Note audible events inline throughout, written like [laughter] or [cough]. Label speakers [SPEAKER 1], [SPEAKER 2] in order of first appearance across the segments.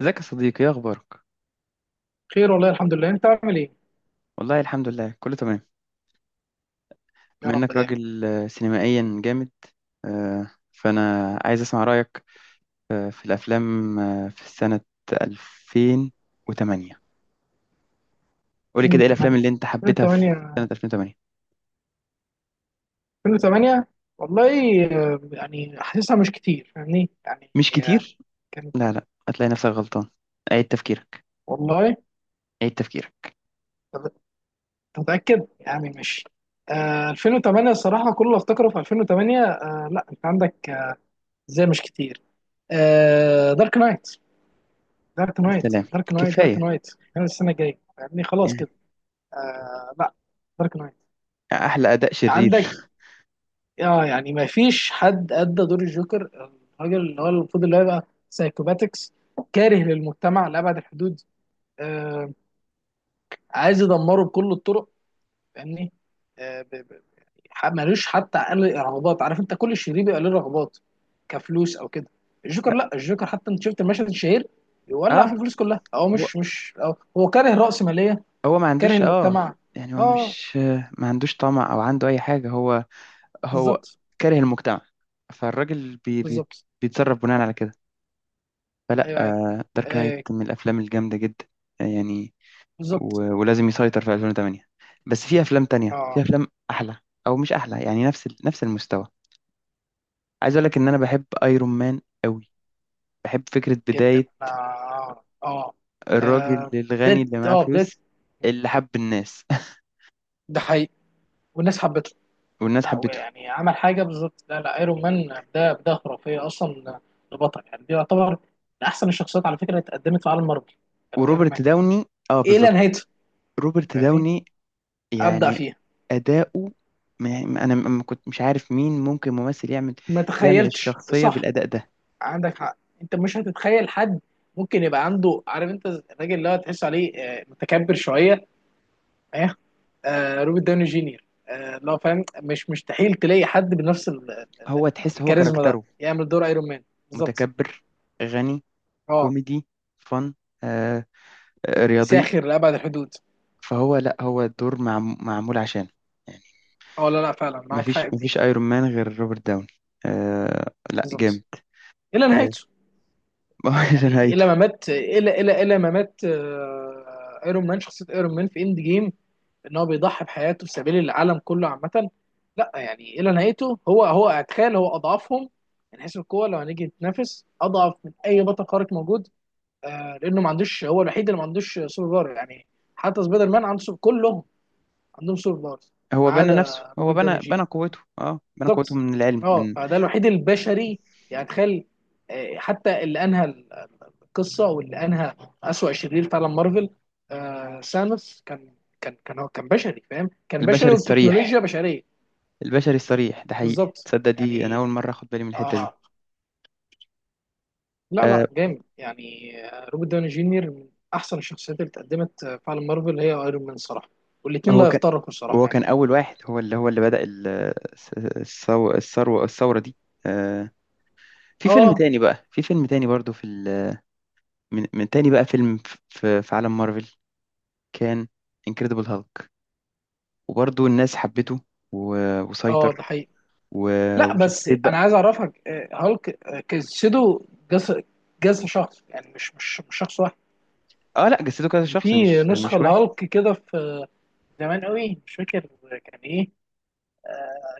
[SPEAKER 1] ازيك يا صديقي؟ ايه اخبارك؟
[SPEAKER 2] خير والله الحمد لله، انت عامل ايه؟
[SPEAKER 1] والله الحمد لله كله تمام.
[SPEAKER 2] يا
[SPEAKER 1] بما
[SPEAKER 2] رب
[SPEAKER 1] انك
[SPEAKER 2] دايما.
[SPEAKER 1] راجل سينمائيا جامد، فانا عايز اسمع رايك في الافلام في سنه 2008. قولي كده ايه الافلام اللي
[SPEAKER 2] 2008.
[SPEAKER 1] انت حبيتها في سنه
[SPEAKER 2] 2008.
[SPEAKER 1] 2008؟
[SPEAKER 2] 2008. والله. يعني حاسسها مش كتير فاهمني يعني.
[SPEAKER 1] مش كتير.
[SPEAKER 2] كان
[SPEAKER 1] لا لا، هتلاقي نفسك غلطان. عيد تفكيرك.
[SPEAKER 2] والله.
[SPEAKER 1] عيد تفكيرك.
[SPEAKER 2] طب- تتأكد يعني مش. 2008 الصراحة، كل اللي افتكره في 2008. لا انت عندك. ازاي مش كتير؟ دارك نايت، دارك نايت،
[SPEAKER 1] السلام.
[SPEAKER 2] دارك نايت، دارك
[SPEAKER 1] كفايه
[SPEAKER 2] نايت. السنة الجاية يعني خلاص
[SPEAKER 1] يعني.
[SPEAKER 2] كده. لا، دارك نايت.
[SPEAKER 1] احلى اداء
[SPEAKER 2] عندك.
[SPEAKER 1] شرير.
[SPEAKER 2] اه يعني ما فيش حد ادى دور الجوكر، الراجل اللي هو المفروض اللي هو يبقى سايكوباتكس، كاره للمجتمع لابعد الحدود. آه عايز يدمره بكل الطرق، فاهمني. آه ب- ب- ملوش حتى اقل رغبات، عارف انت كل شرير بيبقى له رغبات، كفلوس او كده. الجوكر لا،
[SPEAKER 1] [laughs]
[SPEAKER 2] الجوكر حتى انت شفت المشهد الشهير، يولع في
[SPEAKER 1] اه،
[SPEAKER 2] الفلوس كلها. هو
[SPEAKER 1] هو
[SPEAKER 2] مش أو هو كاره رأسمالية،
[SPEAKER 1] هو ما
[SPEAKER 2] كاره
[SPEAKER 1] عندوش. اه
[SPEAKER 2] المجتمع.
[SPEAKER 1] يعني هو
[SPEAKER 2] اه
[SPEAKER 1] مش، ما عندوش طمع او عنده اي حاجه. هو هو
[SPEAKER 2] بالظبط.
[SPEAKER 1] كاره المجتمع. فالراجل بي بي
[SPEAKER 2] بالظبط.
[SPEAKER 1] بيتصرف بناء على كده. فلا،
[SPEAKER 2] ايوه ايوه.
[SPEAKER 1] دارك نايت
[SPEAKER 2] آه
[SPEAKER 1] من الافلام الجامده جدا. يعني
[SPEAKER 2] بالظبط.
[SPEAKER 1] ولازم يسيطر في 2008. بس في افلام تانية، في
[SPEAKER 2] اه
[SPEAKER 1] افلام احلى، او مش احلى يعني نفس المستوى. عايز اقول لك ان انا بحب ايرون مان قوي. بحب فكره
[SPEAKER 2] جدا،
[SPEAKER 1] بدايه
[SPEAKER 2] اه اه.
[SPEAKER 1] الراجل
[SPEAKER 2] آه،
[SPEAKER 1] الغني
[SPEAKER 2] بداية،
[SPEAKER 1] اللي معاه
[SPEAKER 2] اه بداية.
[SPEAKER 1] فلوس، اللي حب الناس [laughs]
[SPEAKER 2] ده حقيقي. والناس حبته.
[SPEAKER 1] والناس
[SPEAKER 2] لا
[SPEAKER 1] حبته.
[SPEAKER 2] يعني عمل حاجة بالظبط. لا لا، ايرون مان ده بداية خرافية اصلا لبطل، يعني دي يعتبر من احسن الشخصيات على فكرة اللي اتقدمت في عالم مارفل، كانت ايرون مان
[SPEAKER 1] وروبرت داوني، اه
[SPEAKER 2] الى
[SPEAKER 1] بالظبط،
[SPEAKER 2] نهايته،
[SPEAKER 1] روبرت
[SPEAKER 2] يعني
[SPEAKER 1] داوني
[SPEAKER 2] ابدع
[SPEAKER 1] يعني
[SPEAKER 2] فيها.
[SPEAKER 1] أداؤه. أنا ما كنت مش عارف مين ممكن ممثل يعمل،
[SPEAKER 2] ما تخيلتش،
[SPEAKER 1] الشخصية
[SPEAKER 2] صح.
[SPEAKER 1] بالأداء ده.
[SPEAKER 2] عندك حق، انت مش هتتخيل حد ممكن يبقى عنده، عارف انت الراجل اللي هو تحس عليه متكبر شوية، ايه. روبرت داوني جينيور، لو فاهم مش مستحيل تلاقي حد بنفس
[SPEAKER 1] هو تحس هو
[SPEAKER 2] الكاريزما ده
[SPEAKER 1] كاركتره
[SPEAKER 2] يعمل دور ايرون مان. بالظبط.
[SPEAKER 1] متكبر، غني،
[SPEAKER 2] اه
[SPEAKER 1] كوميدي، فن، آه رياضي.
[SPEAKER 2] ساخر لابعد الحدود.
[SPEAKER 1] فهو لا، هو الدور معمول عشانه يعني.
[SPEAKER 2] اه لا لا، فعلا معاك حق
[SPEAKER 1] مفيش
[SPEAKER 2] في دي.
[SPEAKER 1] مفيش ايرون مان غير روبرت داوني. آه لا،
[SPEAKER 2] بالظبط.
[SPEAKER 1] جامد.
[SPEAKER 2] الى
[SPEAKER 1] آه.
[SPEAKER 2] نهايته
[SPEAKER 1] [laughs] ما هو ده
[SPEAKER 2] يعني،
[SPEAKER 1] نهايته.
[SPEAKER 2] الى ما مات، الى ما مات. ايرون مان، شخصيه ايرون مان في اند جيم ان هو بيضحي بحياته في سبيل العالم كله عامه. لا يعني الى نهايته، هو اتخيل هو اضعفهم من حيث القوه، لو هنيجي نتنافس اضعف من اي بطل خارق موجود. لانه ما عندوش، هو الوحيد اللي ما عندوش سوبر باور يعني، حتى سبايدر مان عنده سوبر، كلهم عندهم سوبر باور، ما
[SPEAKER 1] هو بنى
[SPEAKER 2] عدا
[SPEAKER 1] نفسه. هو
[SPEAKER 2] روبرت داني
[SPEAKER 1] بنى
[SPEAKER 2] جيني.
[SPEAKER 1] بنى قوته. اه بنى قوته
[SPEAKER 2] بالظبط.
[SPEAKER 1] من العلم،
[SPEAKER 2] اه
[SPEAKER 1] من
[SPEAKER 2] فده الوحيد البشري، يعني تخيل. حتى اللي انهى القصه واللي انهى اسوأ شرير في عالم مارفل، سانوس، كان هو كان بشري، فاهم، كان بشري
[SPEAKER 1] البشر الصريح،
[SPEAKER 2] والتكنولوجيا بشريه.
[SPEAKER 1] البشري الصريح. ده حقيقي،
[SPEAKER 2] بالظبط،
[SPEAKER 1] تصدق دي انا اول
[SPEAKER 2] يعني.
[SPEAKER 1] مره اخد بالي من الحته دي.
[SPEAKER 2] اه لا لا
[SPEAKER 1] آه.
[SPEAKER 2] جامد يعني. روبرت داوني جونيور من احسن الشخصيات اللي اتقدمت في عالم مارفل هي ايرون مان صراحه، والاثنين
[SPEAKER 1] هو
[SPEAKER 2] لا
[SPEAKER 1] كان
[SPEAKER 2] يفترقوا الصراحه
[SPEAKER 1] هو
[SPEAKER 2] يعني.
[SPEAKER 1] كان اول واحد، هو اللي بدأ الثروه، الثوره دي. آه. في فيلم
[SPEAKER 2] اه
[SPEAKER 1] تاني بقى، في فيلم تاني برضو من تاني بقى فيلم في عالم مارفل، كان انكريدبل هالك. وبرضو الناس حبته
[SPEAKER 2] اه. ده
[SPEAKER 1] وسيطر
[SPEAKER 2] حقيقي. لا بس
[SPEAKER 1] وشخصيه
[SPEAKER 2] انا
[SPEAKER 1] بقى.
[SPEAKER 2] عايز اعرفك، هالك، جسده، جس جسم شخص يعني، مش شخص واحد.
[SPEAKER 1] اه لا، جسده كذا
[SPEAKER 2] كان
[SPEAKER 1] شخص،
[SPEAKER 2] في
[SPEAKER 1] مش
[SPEAKER 2] نسخه
[SPEAKER 1] مش واحد.
[SPEAKER 2] لهالك كده في زمان قوي، مش فاكر كان ايه.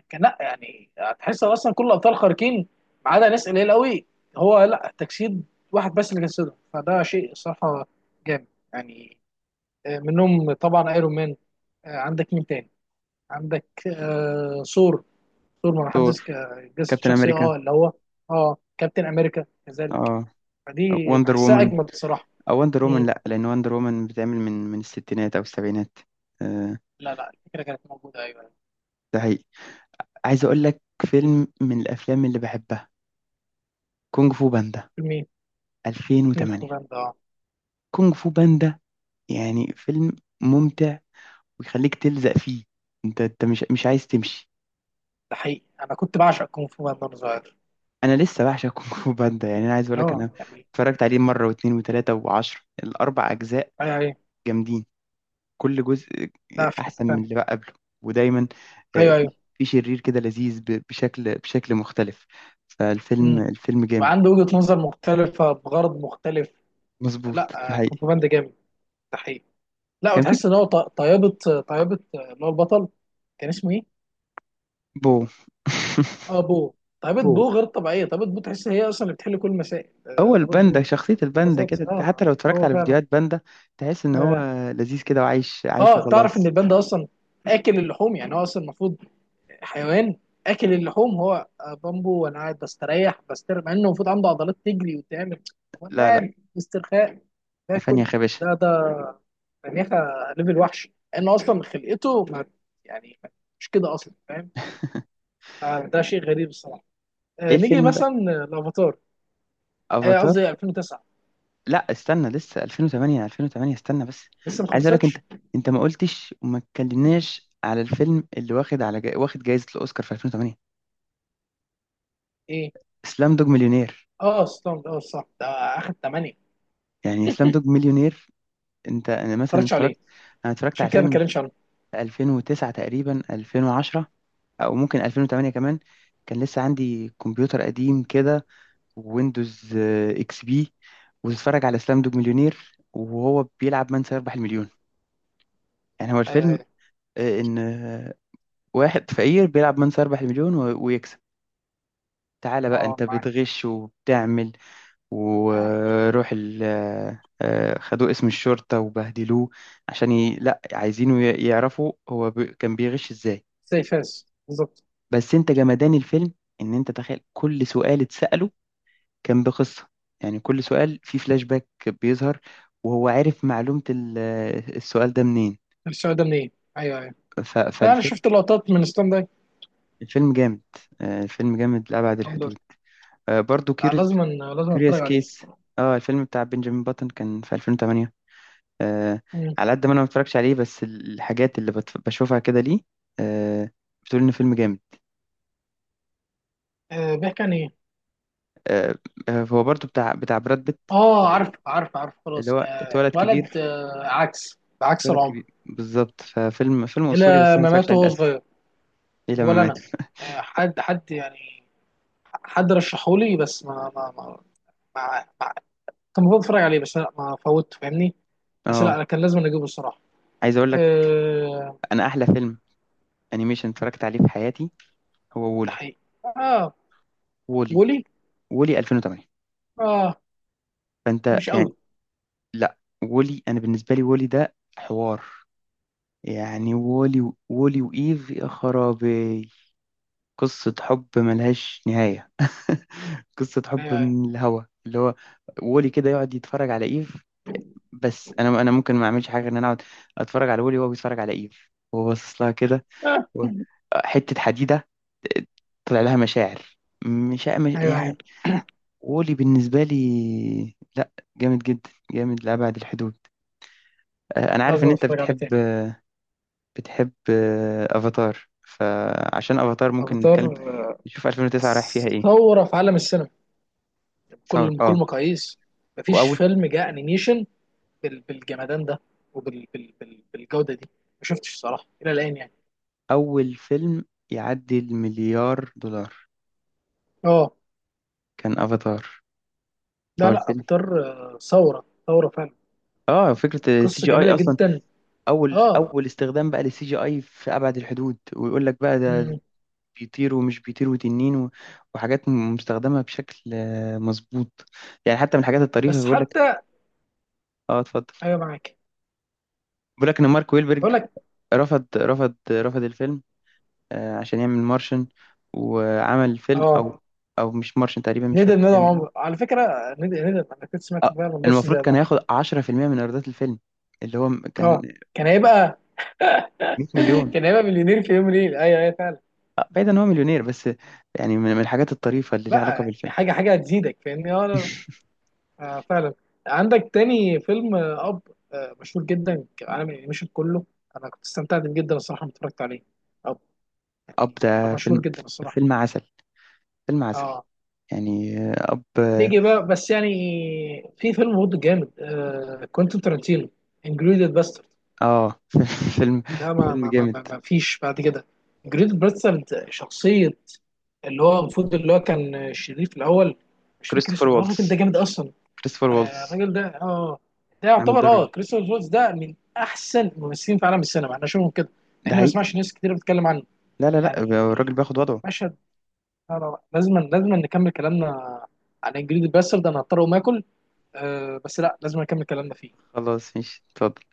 [SPEAKER 2] كان لا يعني هتحس اصلا كل الابطال خارقين ما عدا ناس قليل قوي. هو لا، تجسيد واحد بس اللي جسده، فده شيء صراحه جامد يعني. منهم طبعا ايرون مان. عندك مين تاني؟ عندك ثور. ثور ما حدش
[SPEAKER 1] ثور،
[SPEAKER 2] جسد
[SPEAKER 1] كابتن
[SPEAKER 2] شخصيه
[SPEAKER 1] امريكا.
[SPEAKER 2] اه اللي هو. اه كابتن امريكا كذلك.
[SPEAKER 1] اه
[SPEAKER 2] فدي
[SPEAKER 1] وندر
[SPEAKER 2] بحسها
[SPEAKER 1] وومن،
[SPEAKER 2] اجمد الصراحه.
[SPEAKER 1] او وندر وومن
[SPEAKER 2] مم.
[SPEAKER 1] لا، لان وندر وومن بتعمل من الستينات او السبعينات. آه،
[SPEAKER 2] لا لا، الفكره كانت موجوده ايوه.
[SPEAKER 1] ده حقيقي. عايز اقول لك فيلم من الافلام اللي بحبها، كونج فو باندا
[SPEAKER 2] فيلمين. كونغ فو
[SPEAKER 1] 2008.
[SPEAKER 2] باندا، اه.
[SPEAKER 1] كونج فو باندا يعني فيلم ممتع ويخليك تلزق فيه، انت مش عايز تمشي.
[SPEAKER 2] ده حقيقي، انا كنت بعشق كونغ فو باندا وانا صغير.
[SPEAKER 1] انا لسه بعشق كونج فو باندا، يعني انا عايز اقول لك
[SPEAKER 2] اه
[SPEAKER 1] انا
[SPEAKER 2] يعني،
[SPEAKER 1] اتفرجت عليه مره واثنين وثلاثه وعشرة. الاربع اجزاء
[SPEAKER 2] يعني.
[SPEAKER 1] جامدين، كل جزء
[SPEAKER 2] لا في حتة
[SPEAKER 1] احسن من
[SPEAKER 2] تانية.
[SPEAKER 1] اللي بقى قبله. ودايما
[SPEAKER 2] ايوه
[SPEAKER 1] في
[SPEAKER 2] ايوه.
[SPEAKER 1] شرير كده لذيذ بشكل مختلف.
[SPEAKER 2] مم.
[SPEAKER 1] الفيلم جامد.
[SPEAKER 2] وعنده وجهة نظر مختلفة بغرض مختلف.
[SPEAKER 1] مظبوط. ده
[SPEAKER 2] لا،
[SPEAKER 1] حقيقي.
[SPEAKER 2] كونتروباند جامد، ده حقيقي. لا
[SPEAKER 1] كان في
[SPEAKER 2] وتحس ان هو طيابة، طيابة اللي هو البطل، كان اسمه ايه؟
[SPEAKER 1] بو. [laughs]
[SPEAKER 2] اه بو. طيابة
[SPEAKER 1] بو
[SPEAKER 2] بو غير طبيعية، طيابة بو تحس هي اصلا اللي بتحل كل المسائل،
[SPEAKER 1] هو
[SPEAKER 2] طيابة
[SPEAKER 1] الباندا،
[SPEAKER 2] بو.
[SPEAKER 1] شخصية الباندا كده،
[SPEAKER 2] بالظبط
[SPEAKER 1] انت حتى
[SPEAKER 2] اه،
[SPEAKER 1] لو اتفرجت
[SPEAKER 2] هو
[SPEAKER 1] على
[SPEAKER 2] فعلا.
[SPEAKER 1] فيديوهات باندا تحس ان هو
[SPEAKER 2] اه.
[SPEAKER 1] لذيذ كده وعايش عايش
[SPEAKER 2] تعرف ان
[SPEAKER 1] وخلاص.
[SPEAKER 2] البان ده اصلا اكل اللحوم، يعني هو اصلا المفروض حيوان اكل اللحوم، هو بامبو وانا قاعد بستريح بستر مع انه المفروض عنده عضلات تجري وتعمل. هو انا
[SPEAKER 1] لا لا،
[SPEAKER 2] قاعد استرخاء
[SPEAKER 1] فاني
[SPEAKER 2] باكل.
[SPEAKER 1] يا خباشة.
[SPEAKER 2] ده ده مناخة ليفل وحش، لان اصلا خلقته ما يعني مش كده اصلا، فاهم. ده شيء غريب الصراحه.
[SPEAKER 1] ايه
[SPEAKER 2] نيجي
[SPEAKER 1] الفيلم
[SPEAKER 2] مثلا
[SPEAKER 1] بقى؟
[SPEAKER 2] الافاتار،
[SPEAKER 1] افاتار؟
[SPEAKER 2] قصدي 2009.
[SPEAKER 1] لا استنى، لسه 2008. 2008 استنى بس.
[SPEAKER 2] لسه ما
[SPEAKER 1] عايز اقول لك انت،
[SPEAKER 2] خلصتش.
[SPEAKER 1] ما قلتش وما اتكلمناش على الفيلم اللي واخد على واخد جائزة الأوسكار في 2008.
[SPEAKER 2] ايه.
[SPEAKER 1] اسلام دوج مليونير.
[SPEAKER 2] اه ستاند، اه صح، ده اخد 8. ما
[SPEAKER 1] يعني اسلام دوج مليونير، انت انا مثلا
[SPEAKER 2] اتفرجتش عليه
[SPEAKER 1] اتفرجت. انا اتفرجت على
[SPEAKER 2] عشان كده ما
[SPEAKER 1] الفيلم
[SPEAKER 2] بتكلمش عنه.
[SPEAKER 1] في 2009 تقريبا، 2010، او ممكن 2008 كمان. كان لسه عندي كمبيوتر قديم كده، ويندوز اكس بي، وتتفرج على اسلام دوج مليونير وهو بيلعب من سيربح المليون. يعني هو
[SPEAKER 2] ايوه
[SPEAKER 1] الفيلم
[SPEAKER 2] ايوه.
[SPEAKER 1] ان واحد فقير بيلعب من 4 مليون ويكسب. تعالى بقى
[SPEAKER 2] اه
[SPEAKER 1] انت
[SPEAKER 2] معاك.
[SPEAKER 1] بتغش وبتعمل، وروح ال، خدوه اسم الشرطة وبهدلوه عشان لا، عايزينه يعرفوا هو كان بيغش ازاي.
[SPEAKER 2] زي فاس بالظبط.
[SPEAKER 1] بس انت جمدان الفيلم، ان انت تخيل كل سؤال اتسأله كان بقصة. يعني كل سؤال فيه فلاش باك بيظهر، وهو عارف معلومة السؤال ده منين.
[SPEAKER 2] الشعور ده منين. ايوه أيوه. لا انا
[SPEAKER 1] فالفيلم،
[SPEAKER 2] شفت لقطات من ستاند اب.
[SPEAKER 1] الفيلم جامد. الفيلم جامد لأبعد
[SPEAKER 2] الحمد لله.
[SPEAKER 1] الحدود. برضو
[SPEAKER 2] لا،
[SPEAKER 1] كيوريوس،
[SPEAKER 2] لازم. لازم اتفرج
[SPEAKER 1] كوريوس
[SPEAKER 2] عليه.
[SPEAKER 1] كيس، اه الفيلم بتاع بنجامين باتون، كان في 2008. آه.
[SPEAKER 2] مم.
[SPEAKER 1] على قد ما انا ما اتفرجش عليه، بس الحاجات اللي بشوفها كده ليه آه، بتقول ان فيلم جامد.
[SPEAKER 2] بيحكي عن ايه؟
[SPEAKER 1] آه هو برضو بتاع براد بيت،
[SPEAKER 2] اه عارف عارف عارف
[SPEAKER 1] اللي
[SPEAKER 2] خلاص،
[SPEAKER 1] هو اتولد
[SPEAKER 2] اتولد
[SPEAKER 1] كبير.
[SPEAKER 2] عكس بعكس
[SPEAKER 1] اتولد
[SPEAKER 2] العمر.
[SPEAKER 1] كبير بالظبط. فيلم اسطوري، بس
[SPEAKER 2] الى
[SPEAKER 1] انا ما
[SPEAKER 2] ما
[SPEAKER 1] اتفرجش
[SPEAKER 2] مات
[SPEAKER 1] عليه
[SPEAKER 2] وهو
[SPEAKER 1] للاسف.
[SPEAKER 2] صغير.
[SPEAKER 1] ايه لما
[SPEAKER 2] ولا
[SPEAKER 1] مات.
[SPEAKER 2] انا. حد يعني، حد رشحولي بس ما كان المفروض اتفرج عليه، بس لا ما فوت فاهمني. بس لا
[SPEAKER 1] اه.
[SPEAKER 2] انا كان لازم اجيبه الصراحه.
[SPEAKER 1] عايز اقول لك،
[SPEAKER 2] آه
[SPEAKER 1] انا احلى فيلم انيميشن اتفرجت عليه في حياتي هو
[SPEAKER 2] ده
[SPEAKER 1] وولي.
[SPEAKER 2] حقيقي. اه
[SPEAKER 1] وولي.
[SPEAKER 2] بولي.
[SPEAKER 1] وولي 2008.
[SPEAKER 2] اه
[SPEAKER 1] فانت
[SPEAKER 2] مش
[SPEAKER 1] يعني
[SPEAKER 2] قوي.
[SPEAKER 1] لا، وولي انا بالنسبه لي وولي ده حوار. يعني وولي، وولي وإيف، يا خرابي. قصة حب ملهاش نهاية. [laughs] قصة حب
[SPEAKER 2] ايوه ايوه.
[SPEAKER 1] من الهوا، اللي هو وولي كده يقعد يتفرج على إيف. بس أنا ممكن ما أعملش حاجة غير إن أنا أقعد أتفرج على وولي وهو بيتفرج على إيف وهو باصص لها كده
[SPEAKER 2] آه.
[SPEAKER 1] و- حتة حديدة، آه، طلع لها مشاعر،
[SPEAKER 2] ايوه ايوه.
[SPEAKER 1] يعني. وولي بالنسبة لي لا، جامد جدا، جامد لأبعد الحدود. أنا عارف
[SPEAKER 2] لازم
[SPEAKER 1] إن أنت
[SPEAKER 2] اتفرج عليه
[SPEAKER 1] بتحب،
[SPEAKER 2] تاني.
[SPEAKER 1] افاتار. فعشان افاتار ممكن
[SPEAKER 2] افاتار،
[SPEAKER 1] نتكلم، نشوف 2009 رايح فيها ايه.
[SPEAKER 2] ثوره في عالم السينما
[SPEAKER 1] ثور
[SPEAKER 2] بكل
[SPEAKER 1] اه.
[SPEAKER 2] مقاييس. مفيش
[SPEAKER 1] واول
[SPEAKER 2] فيلم جاء انيميشن بالجمدان ده وبالجوده دي ما شفتش صراحه الى الان يعني.
[SPEAKER 1] اول فيلم يعدي المليار دولار
[SPEAKER 2] اه
[SPEAKER 1] كان افاتار. هو
[SPEAKER 2] لا لا،
[SPEAKER 1] الفيلم.
[SPEAKER 2] افاتار. ثوره ثوره فعلا.
[SPEAKER 1] اه فكرة السي
[SPEAKER 2] قصه
[SPEAKER 1] جي اي
[SPEAKER 2] جميله
[SPEAKER 1] اصلا،
[SPEAKER 2] جدا. اه.
[SPEAKER 1] اول استخدام بقى للسي جي اي في ابعد الحدود. ويقول لك بقى ده
[SPEAKER 2] مم.
[SPEAKER 1] بيطير ومش بيطير وتنين وحاجات مستخدمة بشكل مظبوط. يعني حتى من الحاجات الطريفة،
[SPEAKER 2] بس
[SPEAKER 1] بيقول لك.
[SPEAKER 2] حتى.
[SPEAKER 1] اه اتفضل.
[SPEAKER 2] ايوه معاك.
[SPEAKER 1] بيقول لك ان مارك ويلبرج
[SPEAKER 2] اقول لك،
[SPEAKER 1] رفض الفيلم عشان يعمل مارشن. وعمل فيلم،
[SPEAKER 2] اه
[SPEAKER 1] او مش مارشن تقريبا، مش
[SPEAKER 2] ندم
[SPEAKER 1] فاكر
[SPEAKER 2] ندم،
[SPEAKER 1] فيلم ايه.
[SPEAKER 2] عمر على فكره، ندم ندم، انا كنت سمعت
[SPEAKER 1] آه،
[SPEAKER 2] فعلا بص
[SPEAKER 1] المفروض
[SPEAKER 2] زي
[SPEAKER 1] كان
[SPEAKER 2] ده.
[SPEAKER 1] هياخد 10% من ايرادات الفيلم اللي هو كان
[SPEAKER 2] اه كان هيبقى.
[SPEAKER 1] 100
[SPEAKER 2] [laughs]
[SPEAKER 1] مليون.
[SPEAKER 2] كان هيبقى مليونير في يوم ليل، ايوه ايوه فعلا.
[SPEAKER 1] بعيد ان هو مليونير، بس يعني من الحاجات الطريفة اللي ليها
[SPEAKER 2] لا
[SPEAKER 1] علاقة
[SPEAKER 2] يعني
[SPEAKER 1] بالفيلم.
[SPEAKER 2] حاجه حاجه هتزيدك فاهمني، اه لا.
[SPEAKER 1] [laughs]
[SPEAKER 2] فعلا. عندك تاني فيلم اب، مشهور جدا كعالم الانيميشن كله، انا كنت استمتعت بيه جدا الصراحه لما اتفرجت عليه. اب
[SPEAKER 1] اب
[SPEAKER 2] يعني
[SPEAKER 1] ده
[SPEAKER 2] مشهور
[SPEAKER 1] فيلم،
[SPEAKER 2] جدا الصراحه.
[SPEAKER 1] فيلم عسل فيلم عسل.
[SPEAKER 2] اه
[SPEAKER 1] يعني اب.
[SPEAKER 2] نيجي بقى بس يعني، في فيلم برضه جامد، كوينتين تارانتينو، انجريدد باسترد.
[SPEAKER 1] اه. [laughs] فيلم
[SPEAKER 2] ده
[SPEAKER 1] فيلم جامد.
[SPEAKER 2] ما فيش بعد كده. انجريدد باسترد، شخصيه اللي هو المفروض اللي هو كان شريف الاول، مش فاكر
[SPEAKER 1] كريستوفر
[SPEAKER 2] اسمه، اللي هو الراجل ده
[SPEAKER 1] والتز،
[SPEAKER 2] جامد اصلا.
[SPEAKER 1] كريستوفر والتز
[SPEAKER 2] الراجل ده اه، ده
[SPEAKER 1] عامل
[SPEAKER 2] يعتبر
[SPEAKER 1] دور.
[SPEAKER 2] اه كريستوفر فولتز ده من احسن الممثلين في عالم السينما، احنا شوفهم كده،
[SPEAKER 1] ده
[SPEAKER 2] احنا ما
[SPEAKER 1] حقيقي.
[SPEAKER 2] سمعش ناس كتير بتتكلم عنه
[SPEAKER 1] لا لا لا، الراجل
[SPEAKER 2] يعني،
[SPEAKER 1] بياخد وضعه.
[SPEAKER 2] مشهد. لا لا لا، لازم لازم نكمل كلامنا عن انجريد الباسترد ده، انا هضطر اقوم اكل بس لا لازم نكمل كلامنا فيه.
[SPEAKER 1] خلاص ماشي، اتفضل.